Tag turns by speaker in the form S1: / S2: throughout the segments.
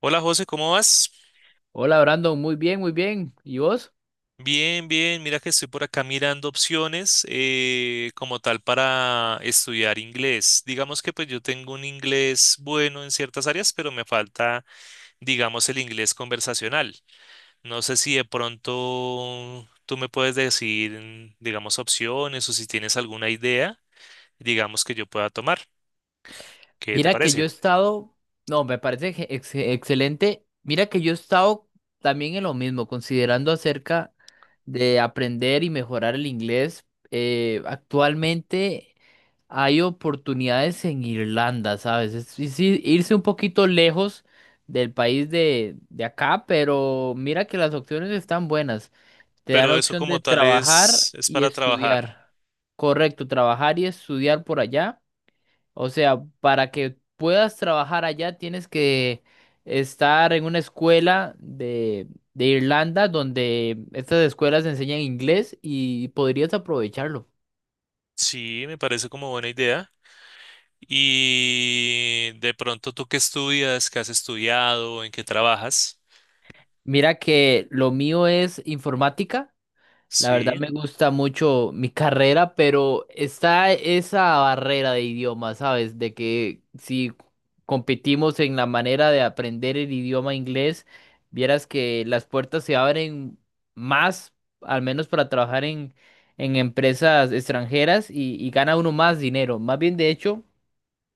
S1: Hola José, ¿cómo vas?
S2: Hola Brandon, muy bien, muy bien. ¿Y vos?
S1: Bien, bien. Mira que estoy por acá mirando opciones como tal para estudiar inglés. Digamos que pues yo tengo un inglés bueno en ciertas áreas, pero me falta, digamos, el inglés conversacional. No sé si de pronto tú me puedes decir, digamos, opciones o si tienes alguna idea, digamos, que yo pueda tomar. ¿Qué te
S2: Mira que
S1: parece?
S2: yo he estado, no, me parece que excelente. Mira que yo he estado también en lo mismo, considerando acerca de aprender y mejorar el inglés. Actualmente hay oportunidades en Irlanda, ¿sabes? Irse un poquito lejos del país de acá, pero mira que las opciones están buenas. Te dan la
S1: Pero eso
S2: opción de
S1: como tal es,
S2: trabajar
S1: es
S2: y
S1: para trabajar.
S2: estudiar. Correcto, trabajar y estudiar por allá. O sea, para que puedas trabajar allá tienes que estar en una escuela de Irlanda donde estas escuelas enseñan inglés y podrías aprovecharlo.
S1: Sí, me parece como buena idea. Y de pronto, ¿tú qué estudias? ¿Qué has estudiado? ¿En qué trabajas?
S2: Mira que lo mío es informática. La verdad
S1: Sí.
S2: me gusta mucho mi carrera, pero está esa barrera de idioma, ¿sabes? De que si competimos en la manera de aprender el idioma inglés, vieras que las puertas se abren más, al menos para trabajar en empresas extranjeras y gana uno más dinero. Más bien, de hecho,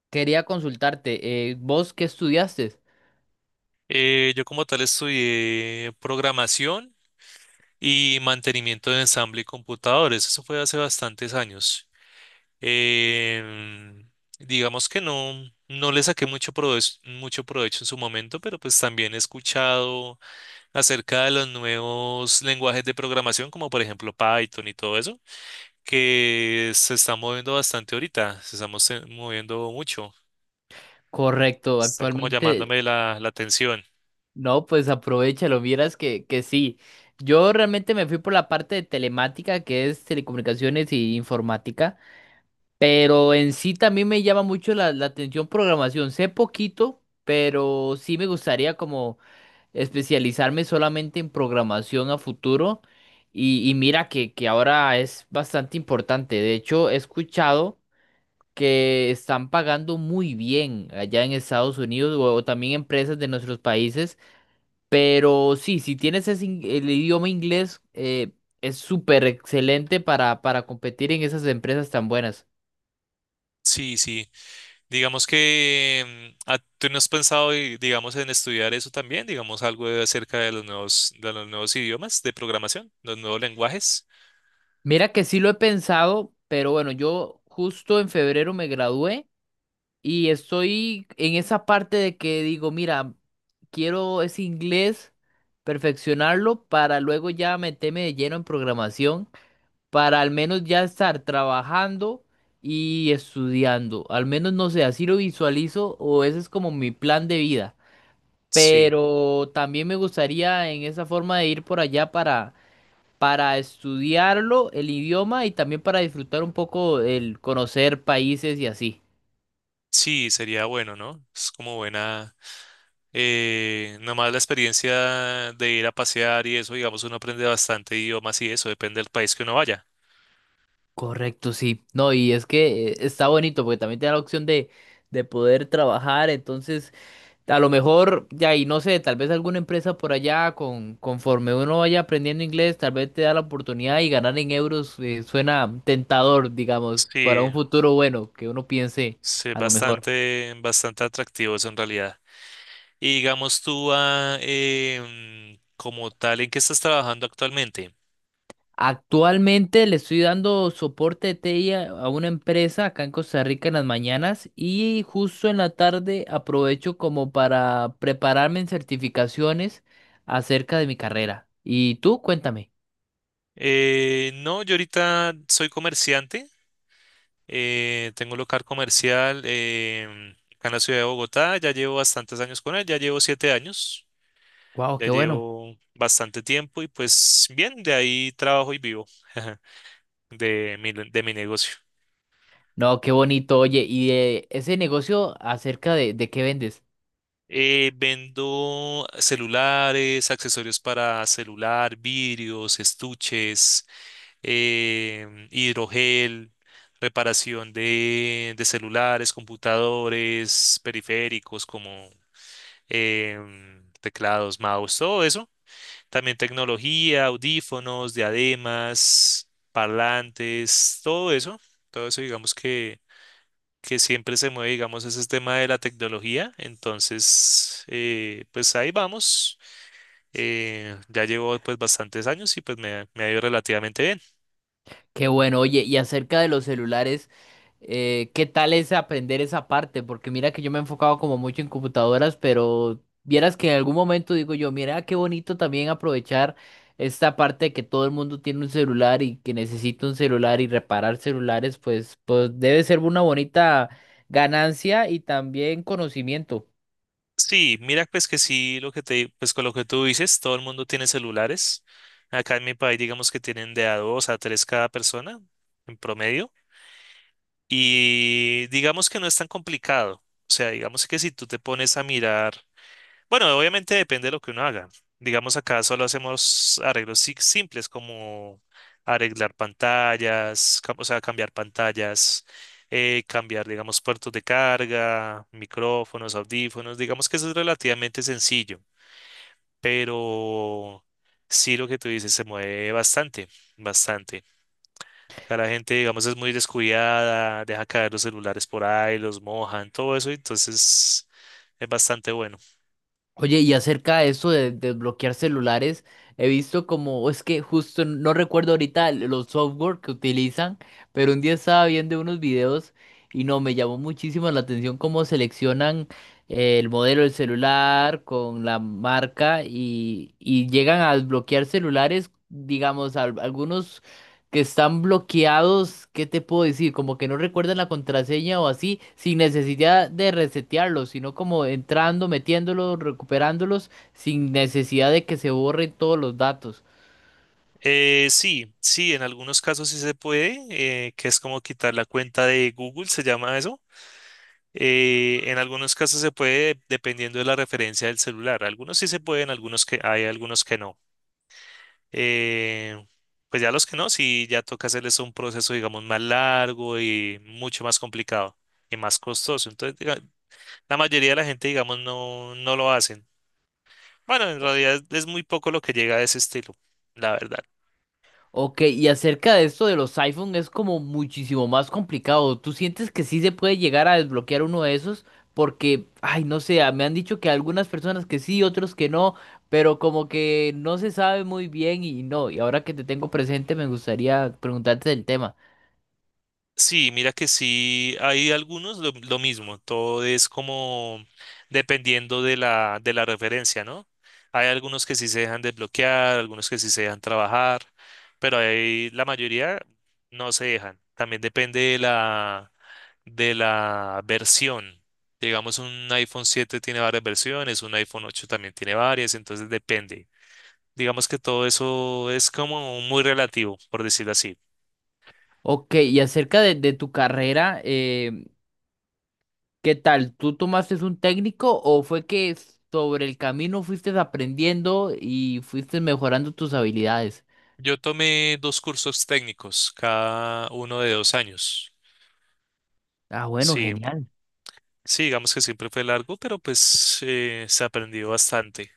S2: quería consultarte, ¿vos qué estudiaste?
S1: Yo como tal estudié programación y mantenimiento de ensamble y computadores. Eso fue hace bastantes años. Em, digamos que no, no le saqué mucho provecho en su momento, pero pues también he escuchado acerca de los nuevos lenguajes de programación, como por ejemplo Python y todo eso, que se está moviendo bastante ahorita, se está moviendo mucho,
S2: Correcto,
S1: están como
S2: actualmente.
S1: llamándome la atención.
S2: No, pues aprovechalo, vieras que sí. Yo realmente me fui por la parte de telemática, que es telecomunicaciones y informática, pero en sí también me llama mucho la atención programación. Sé poquito, pero sí me gustaría como especializarme solamente en programación a futuro. Y mira que ahora es bastante importante. De hecho, he escuchado que están pagando muy bien allá en Estados Unidos o también empresas de nuestros países, pero sí, si tienes ese el idioma inglés, es súper excelente para competir en esas empresas tan buenas.
S1: Sí, sí, digamos que tú no has pensado, digamos, en estudiar eso también, digamos, acerca de los nuevos, idiomas de programación, los nuevos lenguajes.
S2: Mira que sí lo he pensado, pero bueno, yo justo en febrero me gradué y estoy en esa parte de que digo, mira, quiero ese inglés, perfeccionarlo para luego ya meterme de lleno en programación, para al menos ya estar trabajando y estudiando. Al menos no sé, así lo visualizo o ese es como mi plan de vida.
S1: Sí,
S2: Pero también me gustaría en esa forma de ir por allá para estudiarlo, el idioma y también para disfrutar un poco el conocer países y así.
S1: sí, sería bueno, ¿no? Es como buena, nomás la experiencia de ir a pasear y eso, digamos, uno aprende bastante idiomas y eso, depende del país que uno vaya.
S2: Correcto, sí. No, y es que está bonito porque también te da la opción de poder trabajar, entonces a lo mejor, ya, y no sé, tal vez alguna empresa por allá, conforme uno vaya aprendiendo inglés, tal vez te da la oportunidad y ganar en euros, suena tentador, digamos, para
S1: Sí,
S2: un futuro bueno, que uno piense
S1: sí,
S2: a lo mejor.
S1: bastante, bastante atractivos en realidad. Y digamos tú, como tal, ¿en qué estás trabajando actualmente?
S2: Actualmente le estoy dando soporte de TI a una empresa acá en Costa Rica en las mañanas y justo en la tarde aprovecho como para prepararme en certificaciones acerca de mi carrera. ¿Y tú? Cuéntame.
S1: No, yo ahorita soy comerciante, tengo un local comercial acá en la ciudad de Bogotá, ya llevo bastantes años con él, ya llevo 7 años,
S2: Wow,
S1: ya
S2: qué bueno.
S1: llevo bastante tiempo y pues bien, de ahí trabajo y vivo de mi negocio.
S2: No, qué bonito. Oye, ¿y de ese negocio acerca de qué vendes?
S1: Vendo celulares, accesorios para celular, vidrios, estuches, hidrogel, reparación de celulares, computadores, periféricos como teclados, mouse, todo eso. También tecnología, audífonos, diademas, parlantes, todo eso. Todo eso digamos que siempre se mueve, digamos, ese tema de la tecnología. Entonces, pues ahí vamos. Ya llevo pues bastantes años y pues me ha ido relativamente bien.
S2: Qué bueno, oye, y acerca de los celulares, ¿qué tal es aprender esa parte? Porque mira que yo me he enfocado como mucho en computadoras, pero vieras que en algún momento digo yo, mira qué bonito también aprovechar esta parte de que todo el mundo tiene un celular y que necesita un celular y reparar celulares, pues, pues debe ser una bonita ganancia y también conocimiento.
S1: Sí, mira, pues que sí, lo que te, pues con lo que tú dices, todo el mundo tiene celulares. Acá en mi país, digamos que tienen de a dos a tres cada persona en promedio. Y digamos que no es tan complicado. O sea, digamos que si tú te pones a mirar, bueno, obviamente depende de lo que uno haga. Digamos acá solo hacemos arreglos simples como arreglar pantallas, o sea, cambiar pantallas, cambiar, digamos, puertos de carga, micrófonos, audífonos. Digamos que eso es relativamente sencillo, pero sí lo que tú dices se mueve bastante, bastante. Acá la gente, digamos, es muy descuidada, deja caer los celulares por ahí, los mojan, todo eso, entonces es bastante bueno.
S2: Oye, y acerca de eso de desbloquear celulares, he visto como, es que justo no recuerdo ahorita los software que utilizan, pero un día estaba viendo unos videos y no, me llamó muchísimo la atención cómo seleccionan, el modelo del celular con la marca y llegan a desbloquear celulares, digamos, algunos que están bloqueados, ¿qué te puedo decir? Como que no recuerdan la contraseña o así, sin necesidad de resetearlos, sino como entrando, metiéndolos, recuperándolos, sin necesidad de que se borren todos los datos.
S1: Sí, sí, en algunos casos sí se puede, que es como quitar la cuenta de Google, se llama eso. En algunos casos se puede dependiendo de la referencia del celular. Algunos sí se pueden, algunos que hay, algunos que no. Eh, pues ya los que no, sí ya toca hacerles un proceso, digamos, más largo y mucho más complicado y más costoso. La mayoría de la gente, digamos, no, no lo hacen. Bueno, en realidad es muy poco lo que llega a ese estilo, la verdad.
S2: Ok, y acerca de esto de los iPhone es como muchísimo más complicado. ¿Tú sientes que sí se puede llegar a desbloquear uno de esos? Porque, ay, no sé, me han dicho que algunas personas que sí, otros que no, pero como que no se sabe muy bien y no. Y ahora que te tengo presente, me gustaría preguntarte del tema.
S1: Sí, mira que sí, hay algunos lo mismo, todo es como dependiendo de la referencia, ¿no? Hay algunos que sí se dejan desbloquear, algunos que sí se dejan trabajar, pero hay, la mayoría no se dejan. También depende de la versión. Digamos, un iPhone 7 tiene varias versiones, un iPhone 8 también tiene varias, entonces depende. Digamos que todo eso es como muy relativo, por decirlo así.
S2: Ok, y acerca de tu carrera, ¿qué tal? ¿Tú tomaste un técnico o fue que sobre el camino fuiste aprendiendo y fuiste mejorando tus habilidades?
S1: Yo tomé dos cursos técnicos, cada uno de 2 años.
S2: Ah, bueno,
S1: Sí,
S2: genial.
S1: sí, digamos que siempre fue largo, pero pues se aprendió bastante.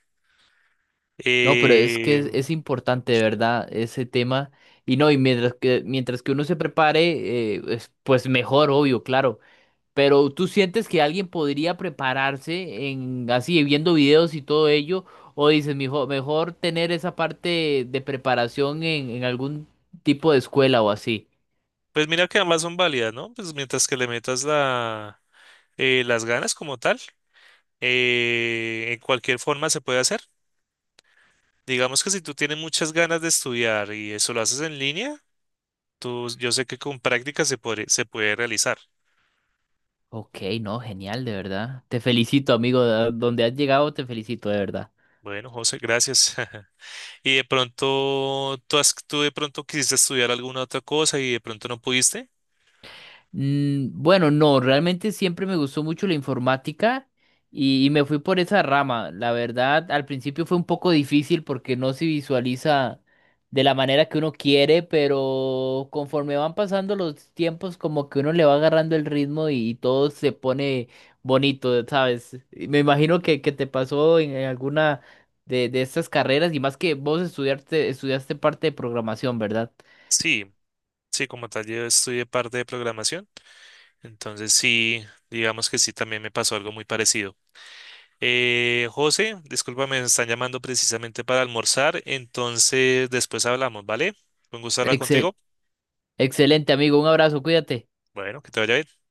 S2: No, pero es que
S1: Eh,
S2: es importante, de verdad, ese tema. Y no, y mientras que uno se prepare, pues mejor, obvio, claro. Pero tú sientes que alguien podría prepararse en así, viendo videos y todo ello, o dices, mejor tener esa parte de preparación en algún tipo de escuela o así.
S1: pues mira que ambas son válidas, ¿no? Pues mientras que le metas las ganas como tal, en cualquier forma se puede hacer. Digamos que si tú tienes muchas ganas de estudiar y eso lo haces en línea, tú, yo sé que con práctica se puede realizar.
S2: Ok, no, genial, de verdad. Te felicito, amigo. Donde has llegado, te felicito, de verdad.
S1: Bueno, José, gracias. Y de pronto, ¿tú, tú de pronto quisiste estudiar alguna otra cosa y de pronto no pudiste?
S2: Bueno, no, realmente siempre me gustó mucho la informática y me fui por esa rama. La verdad, al principio fue un poco difícil porque no se visualiza de la manera que uno quiere, pero conforme van pasando los tiempos, como que uno le va agarrando el ritmo y todo se pone bonito, ¿sabes? Y me imagino que te pasó en alguna de estas carreras y más que vos estudiaste, estudiaste parte de programación, ¿verdad?
S1: Sí, sí, como tal, yo estudié parte de programación, entonces sí, digamos que sí, también me pasó algo muy parecido. José, discúlpame, me están llamando precisamente para almorzar, entonces después hablamos, ¿vale? Fue un gusto hablar
S2: Excel,
S1: contigo.
S2: Excelente, amigo. Un abrazo, cuídate.
S1: Bueno, que te vaya bien.